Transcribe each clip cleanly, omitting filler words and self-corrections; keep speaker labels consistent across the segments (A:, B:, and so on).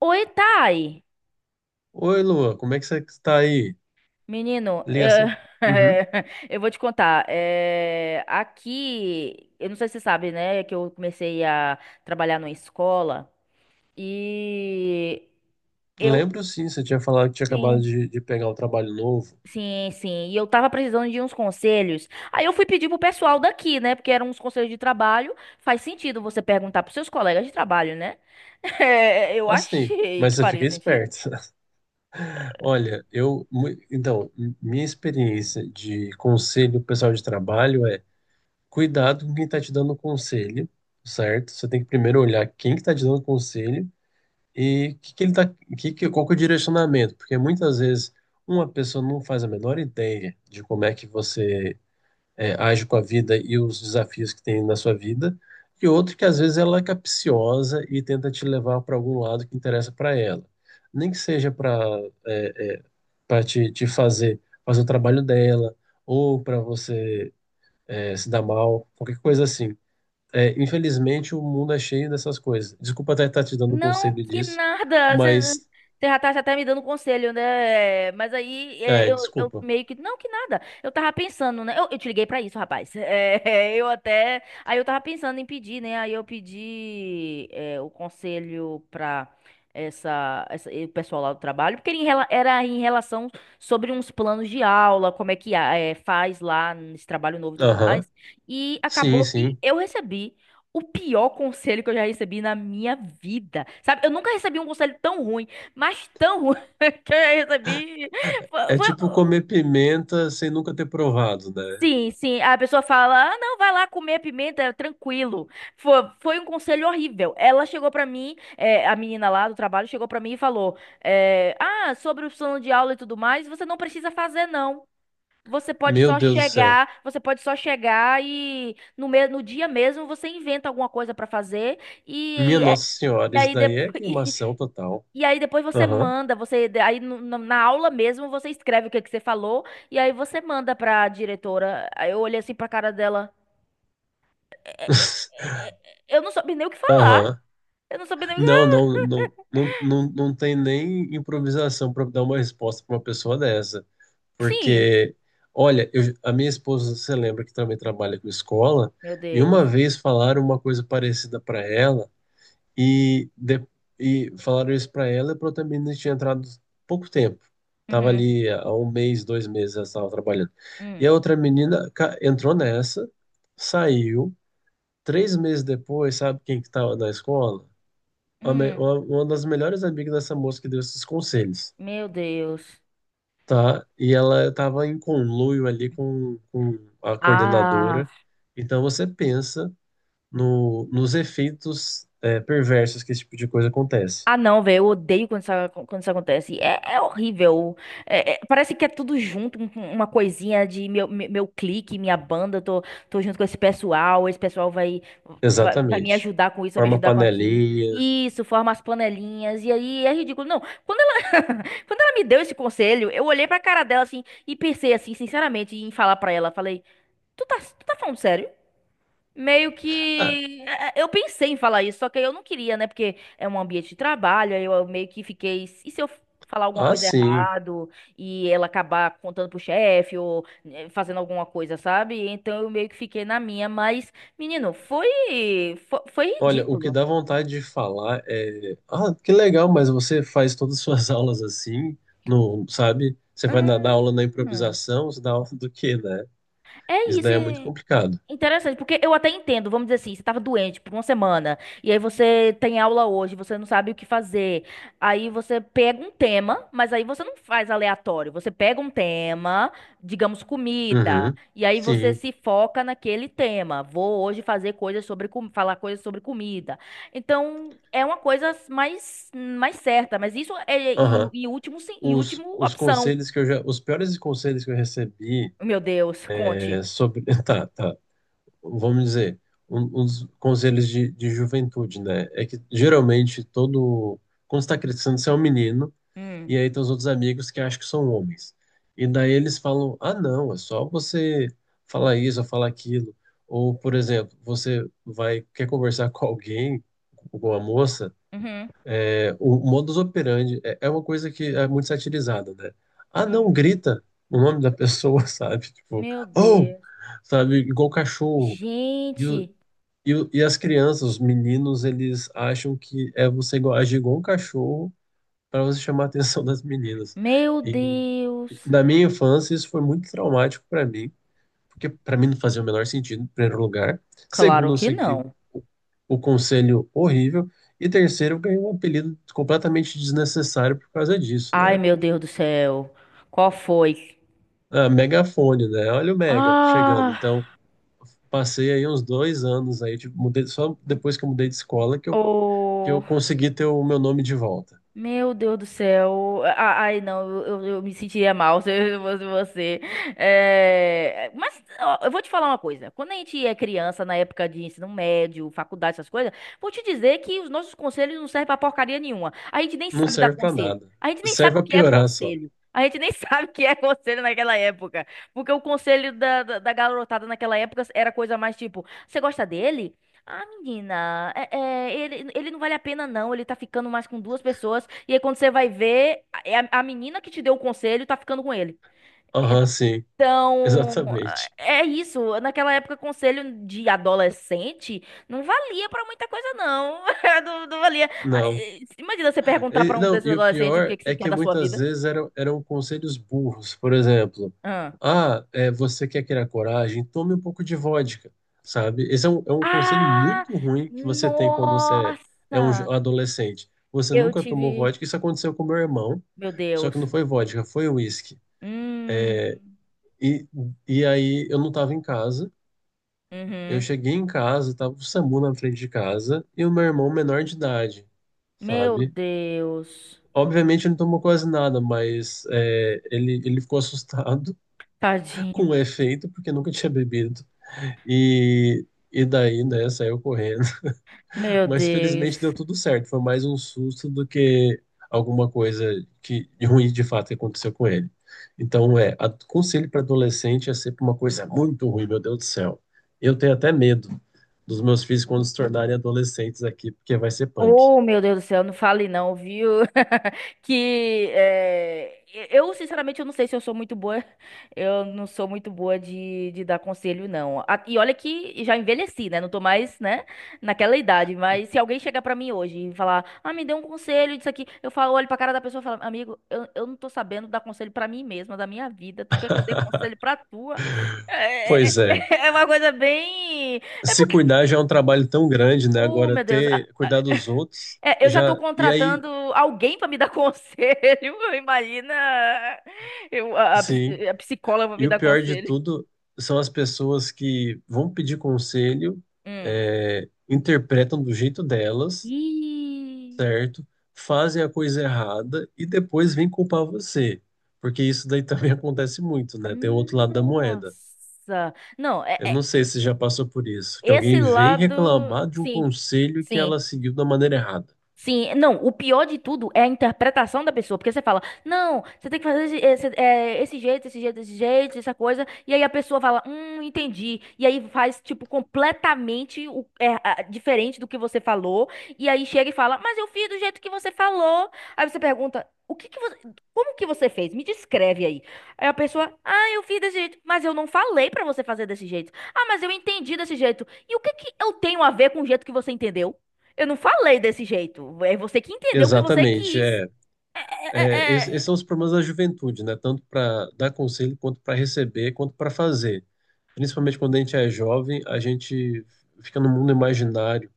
A: Oi, Thay.
B: Oi, Lua, como é que você está aí?
A: Menino, eu,
B: Ligação. Uhum.
A: eu vou te contar. Aqui, eu não sei se você sabe, né, que eu comecei a trabalhar numa escola e eu
B: Lembro sim, você tinha falado que tinha acabado
A: tenho.
B: de pegar um trabalho novo.
A: Sim, sim. E eu tava precisando de uns conselhos. Aí eu fui pedir pro pessoal daqui, né? Porque eram uns conselhos de trabalho. Faz sentido você perguntar pros seus colegas de trabalho, né? Eu
B: Assim,
A: achei
B: mas
A: que
B: você fica
A: faria sentido.
B: esperto. Olha, então, minha experiência de conselho pro pessoal de trabalho é cuidado com quem está te dando conselho, certo? Você tem que primeiro olhar quem que está te dando conselho e que ele tá, qual que é o direcionamento, porque muitas vezes uma pessoa não faz a menor ideia de como é que você age com a vida e os desafios que tem na sua vida, e outro que às vezes ela é capciosa e tenta te levar para algum lado que interessa para ela. Nem que seja para é, é, para te fazer fazer o trabalho dela, ou para você se dar mal, qualquer coisa assim. É, infelizmente, o mundo é cheio dessas coisas. Desculpa até estar te dando um
A: Não,
B: conselho
A: que
B: disso,
A: nada. Você
B: mas.
A: já tá me dando conselho, né? Mas aí é,
B: É,
A: eu
B: desculpa.
A: meio que. Não, que nada. Eu tava pensando, né? Eu te liguei pra isso, rapaz. É, eu até. Aí eu tava pensando em pedir, né? Aí eu pedi o conselho pra o pessoal lá do trabalho, porque era em relação sobre uns planos de aula, como é que faz lá nesse trabalho novo e tudo
B: Aham.
A: mais. E
B: Sim,
A: acabou que
B: sim.
A: eu recebi o pior conselho que eu já recebi na minha vida. Sabe, eu nunca recebi um conselho tão ruim, mas tão ruim que eu já recebi. Foi-
B: É tipo
A: foi-
B: comer pimenta sem nunca ter provado, né?
A: Sim, sim. A pessoa fala: ah, não, vai lá comer pimenta, é tranquilo. Foi um conselho horrível. Ela chegou pra mim, a menina lá do trabalho chegou pra mim e falou: sobre o plano de aula e tudo mais, você não precisa fazer, não.
B: Meu Deus do céu.
A: Você pode só chegar e no dia mesmo você inventa alguma coisa pra fazer.
B: Minha
A: E
B: Nossa Senhora,
A: e
B: isso
A: aí,
B: daí
A: depois,
B: é
A: e,
B: queimação total.
A: aí depois você
B: Aham.
A: manda, você aí na aula mesmo você escreve o que que você falou e aí você manda pra diretora. Aí eu olhei assim pra cara dela. Eu não soube nem o que falar.
B: Aham.
A: Eu não soube nem o que
B: Não,
A: falar.
B: não, não, não, não, não tem nem improvisação para dar uma resposta para uma pessoa dessa.
A: Sim.
B: Porque, olha, a minha esposa, você lembra que também trabalha com escola,
A: Meu
B: e
A: Deus.
B: uma vez falaram uma coisa parecida para ela, E, de, e falaram isso pra ela, e pra outra menina tinha entrado pouco tempo. Tava
A: Uhum.
B: ali há um mês, dois meses, ela estava trabalhando. E a
A: Hum.
B: outra menina entrou nessa, saiu. Três meses depois, sabe quem que estava na escola?
A: Hum.
B: Uma das melhores amigas dessa moça que deu esses conselhos,
A: Meu Deus.
B: tá? E ela estava em conluio ali com a
A: Ah,
B: coordenadora. Então você pensa no, nos efeitos, perversos que esse tipo de coisa acontece.
A: ah, não, velho, eu odeio quando isso acontece. É, é horrível. Parece que é tudo junto, uma coisinha de meu clique, minha banda, tô, tô junto com esse pessoal vai me
B: Exatamente.
A: ajudar com isso, vai me
B: Forma
A: ajudar com aquilo.
B: panelinha.
A: Isso, forma as panelinhas, e aí é ridículo. Não, quando ela, quando ela me deu esse conselho, eu olhei pra cara dela assim e pensei assim, sinceramente, em falar pra ela, falei, tu tá falando sério? Meio
B: Ah,
A: que é, é, eu pensei em falar isso, só que eu não queria, né? Porque é um ambiente de trabalho, aí eu meio que fiquei, e se eu falar alguma coisa
B: sim.
A: errado e ela acabar contando pro chefe ou fazendo alguma coisa, sabe? Então eu meio que fiquei na minha, mas menino, foi
B: Olha, o que
A: ridículo.
B: dá vontade de falar é, ah, que legal, mas você faz todas as suas aulas assim, não, sabe? Você vai na aula na
A: Hum,
B: improvisação, você dá aula do quê, né?
A: é
B: Isso
A: isso.
B: daí é muito complicado.
A: Interessante, porque eu até entendo, vamos dizer assim, você estava doente por uma semana, e aí você tem aula hoje, você não sabe o que fazer. Aí você pega um tema, mas aí você não faz aleatório, você pega um tema, digamos comida,
B: Uhum.
A: e aí você
B: Sim.
A: se foca naquele tema. Vou hoje fazer coisas sobre, falar coisas sobre comida. Então, é uma coisa mais, mais certa, mas isso é em,
B: Aham.
A: em último, sim, em
B: Os,
A: último
B: os
A: opção.
B: conselhos que eu já, os piores conselhos que eu recebi
A: Meu Deus, conte.
B: é sobre, tá, tá. Vamos dizer, uns conselhos de juventude, né? É que geralmente todo. Quando você tá crescendo, você é um menino, e
A: Hum,
B: aí tem os outros amigos que acham que são homens. E daí eles falam: ah, não, é só você falar isso ou falar aquilo. Ou, por exemplo, você quer conversar com alguém, com a moça,
A: uhum,
B: o modus operandi é uma coisa que é muito satirizada, né? Ah, não,
A: uhum.
B: grita o nome da pessoa, sabe? Tipo,
A: Meu
B: oh!
A: Deus.
B: Sabe? Igual cachorro. E, o-
A: Gente,
B: e as crianças, os meninos, eles acham que é você agir igual um cachorro para você chamar a atenção das meninas.
A: meu
B: E
A: Deus.
B: na minha infância, isso foi muito traumático para mim, porque para mim não fazia o menor sentido, em primeiro lugar.
A: Claro
B: Segundo, eu
A: que
B: segui o,
A: não.
B: o conselho horrível. E terceiro, eu ganhei um apelido completamente desnecessário por causa disso,
A: Ai,
B: né?
A: meu Deus do céu. Qual foi?
B: Ah, megafone, né? Olha o Mega chegando.
A: Ah,
B: Então, passei aí uns dois anos aí, tipo, mudei, só depois que eu mudei de escola que eu
A: oh.
B: consegui ter o meu nome de volta.
A: Meu Deus do céu. Ah, ai, não, eu me sentiria mal se eu fosse você. É, mas ó, eu vou te falar uma coisa. Quando a gente é criança, na época de ensino médio, faculdade, essas coisas, vou te dizer que os nossos conselhos não servem pra porcaria nenhuma. A gente nem
B: Não
A: sabe dar
B: serve pra
A: conselho.
B: nada.
A: A gente nem sabe o
B: Serve pra
A: que é
B: piorar só.
A: conselho. A gente nem sabe o que é conselho naquela época. Porque o conselho da garotada naquela época era coisa mais tipo: você gosta dele? Ah, menina, é, ele não vale a pena, não. Ele tá ficando mais com duas pessoas. E aí, quando você vai ver, é a menina que te deu o conselho tá ficando com ele.
B: Aham, sim,
A: Então,
B: exatamente.
A: é isso. Naquela época, conselho de adolescente não valia pra muita coisa, não. Não, não valia.
B: Não.
A: Imagina você perguntar
B: E,
A: pra um
B: não,
A: desses
B: e o
A: adolescentes o
B: pior
A: que que você
B: é
A: quer
B: que
A: da sua
B: muitas
A: vida.
B: vezes eram conselhos burros. Por exemplo,
A: Ah,
B: ah, você quer criar coragem? Tome um pouco de vodka, sabe? Esse é um conselho
A: ah,
B: muito ruim que você tem quando
A: nossa!
B: você é um adolescente. Você
A: Eu
B: nunca tomou
A: tive.
B: vodka. Isso aconteceu com meu irmão,
A: Meu
B: só que não
A: Deus.
B: foi vodka, foi uísque.
A: Hum.
B: E, e aí eu não estava em casa. Eu
A: Uhum.
B: cheguei em casa, tava o SAMU na frente de casa e o meu irmão menor de idade,
A: Meu
B: sabe?
A: Deus.
B: Obviamente ele não tomou quase nada, mas ele ficou assustado
A: Tadinho.
B: com o efeito porque nunca tinha bebido. E, e daí, né, saiu correndo.
A: Meu
B: Mas felizmente deu
A: Deus.
B: tudo certo. Foi mais um susto do que alguma coisa que de ruim de fato que aconteceu com ele. Então, conselho para adolescente é sempre uma coisa muito ruim, meu Deus do céu. Eu tenho até medo dos meus filhos quando se tornarem adolescentes aqui, porque vai ser punk.
A: Oh, meu Deus do céu, não fale não, viu? Que é, eu, sinceramente, eu não sei se eu sou muito boa. Eu não sou muito boa de dar conselho, não. E olha que já envelheci, né? Não tô mais, né, naquela idade. Mas se alguém chegar pra mim hoje e falar, ah, me dê um conselho disso aqui, eu falo, olho pra cara da pessoa e falo, amigo, eu não tô sabendo dar conselho pra mim mesma, da minha vida. Tu quer que eu dê conselho pra tua? É, é
B: Pois
A: é
B: é.
A: é uma coisa bem. É
B: Se
A: porque.
B: cuidar já é um trabalho tão grande, né?
A: Oh,
B: Agora
A: meu Deus.
B: ter cuidar dos outros
A: É, eu já estou
B: já. E aí,
A: contratando alguém para me dar conselho. Imagina eu,
B: sim.
A: a psicóloga pra me
B: E o
A: dar
B: pior de
A: conselho.
B: tudo são as pessoas que vão pedir conselho,
A: Hum.
B: interpretam do jeito delas,
A: Ih,
B: certo? Fazem a coisa errada e depois vêm culpar você. Porque isso daí também acontece muito, né? Tem o outro lado da moeda.
A: nossa. Não, é,
B: Eu não
A: é-
B: sei se já passou por isso, que
A: Esse
B: alguém vem
A: lado,
B: reclamar de um
A: sim,
B: conselho que ela
A: sim.
B: seguiu da maneira errada.
A: Sim, não, o pior de tudo é a interpretação da pessoa, porque você fala, não, você tem que fazer esse jeito, esse jeito, esse jeito, essa coisa, e aí a pessoa fala, entendi, e aí faz, tipo, completamente diferente do que você falou, e aí chega e fala, mas eu fiz do jeito que você falou, aí você pergunta, o que que você, como que você fez? Me descreve aí. Aí a pessoa, ah, eu fiz desse jeito, mas eu não falei pra você fazer desse jeito, ah, mas eu entendi desse jeito, e o que que eu tenho a ver com o jeito que você entendeu? Eu não falei desse jeito. É você que entendeu o que você
B: Exatamente,
A: quis.
B: é.
A: É,
B: É,
A: é,
B: esses
A: é,
B: são os problemas da juventude, né? Tanto para dar conselho, quanto para receber, quanto para fazer. Principalmente quando a gente é jovem, a gente fica num mundo imaginário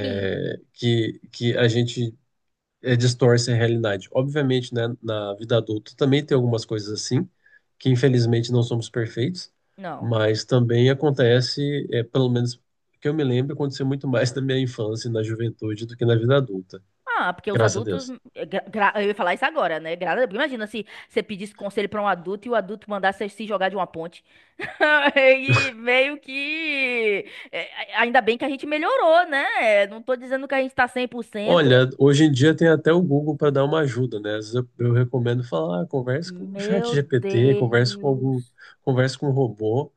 A: Sim.
B: que a gente distorce a realidade. Obviamente, né, na vida adulta também tem algumas coisas assim, que infelizmente não somos perfeitos,
A: Não.
B: mas também acontece, pelo menos que eu me lembro, aconteceu muito mais na minha infância e na juventude do que na vida adulta.
A: Ah, porque os
B: Graças a
A: adultos.
B: Deus.
A: Eu ia falar isso agora, né? Imagina se você pedisse conselho pra um adulto e o adulto mandasse você se jogar de uma ponte. E meio que. Ainda bem que a gente melhorou, né? Não tô dizendo que a gente tá cem por cento.
B: Olha, hoje em dia tem até o Google para dar uma ajuda, né? Às vezes eu recomendo falar, ah, converse com o
A: Meu
B: GPT, converse com algum,
A: Deus.
B: converse com um robô,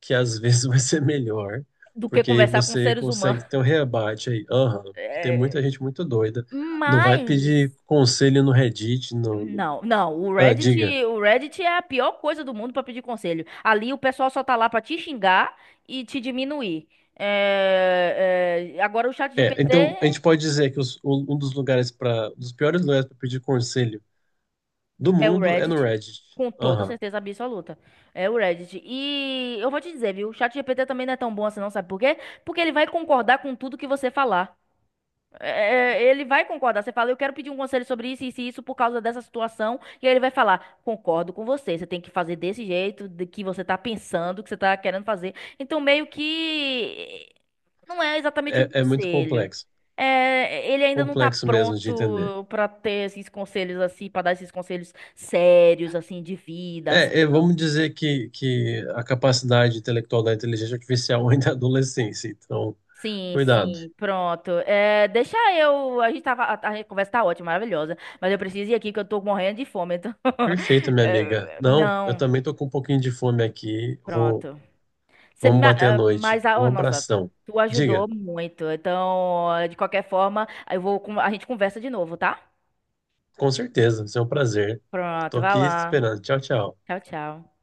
B: que às vezes vai ser melhor,
A: Do que
B: porque
A: conversar com
B: você
A: seres humanos.
B: consegue ter um rebate aí. Aham, porque tem
A: É,
B: muita gente muito doida. Não vai
A: mas.
B: pedir conselho no Reddit,
A: Não, não,
B: ah, diga.
A: O Reddit é a pior coisa do mundo pra pedir conselho. Ali o pessoal só tá lá pra te xingar e te diminuir. Agora o chat
B: É, então a
A: GPT
B: gente pode dizer que um dos lugares dos piores lugares para pedir conselho do
A: é o
B: mundo é no
A: Reddit,
B: Reddit.
A: com toda
B: Aham.
A: certeza absoluta. É o Reddit. E eu vou te dizer, viu? O chat GPT também não é tão bom assim, não, sabe por quê? Porque ele vai concordar com tudo que você falar. É, ele vai concordar. Você fala, eu quero pedir um conselho sobre isso, isso e isso por causa dessa situação. E aí ele vai falar, concordo com você. Você tem que fazer desse jeito de que você tá pensando, que você tá querendo fazer. Então, meio que não é exatamente um
B: É muito
A: conselho.
B: complexo,
A: É, ele ainda não tá
B: complexo mesmo de entender.
A: pronto pra ter esses conselhos assim, pra dar esses conselhos sérios assim de vida, assim,
B: Vamos dizer que, a capacidade intelectual da inteligência artificial ainda é adolescência, então,
A: sim,
B: cuidado.
A: sim, pronto. É, deixa eu. A gente tava. A conversa tá ótima, maravilhosa. Mas eu preciso ir aqui que eu tô morrendo de fome. Então.
B: Perfeito, minha amiga. Não, eu
A: Não,
B: também tô com um pouquinho de fome aqui.
A: pronto. Você
B: Vamos
A: me,
B: bater a
A: ah,
B: noite.
A: mas, a,
B: Um
A: oh, nossa,
B: abração.
A: tu
B: Diga,
A: ajudou muito. Então, de qualquer forma, eu vou, a gente conversa de novo, tá?
B: com certeza, isso é um prazer. Tô
A: Pronto, vai
B: aqui
A: lá.
B: esperando. Tchau, tchau.
A: Tchau, tchau.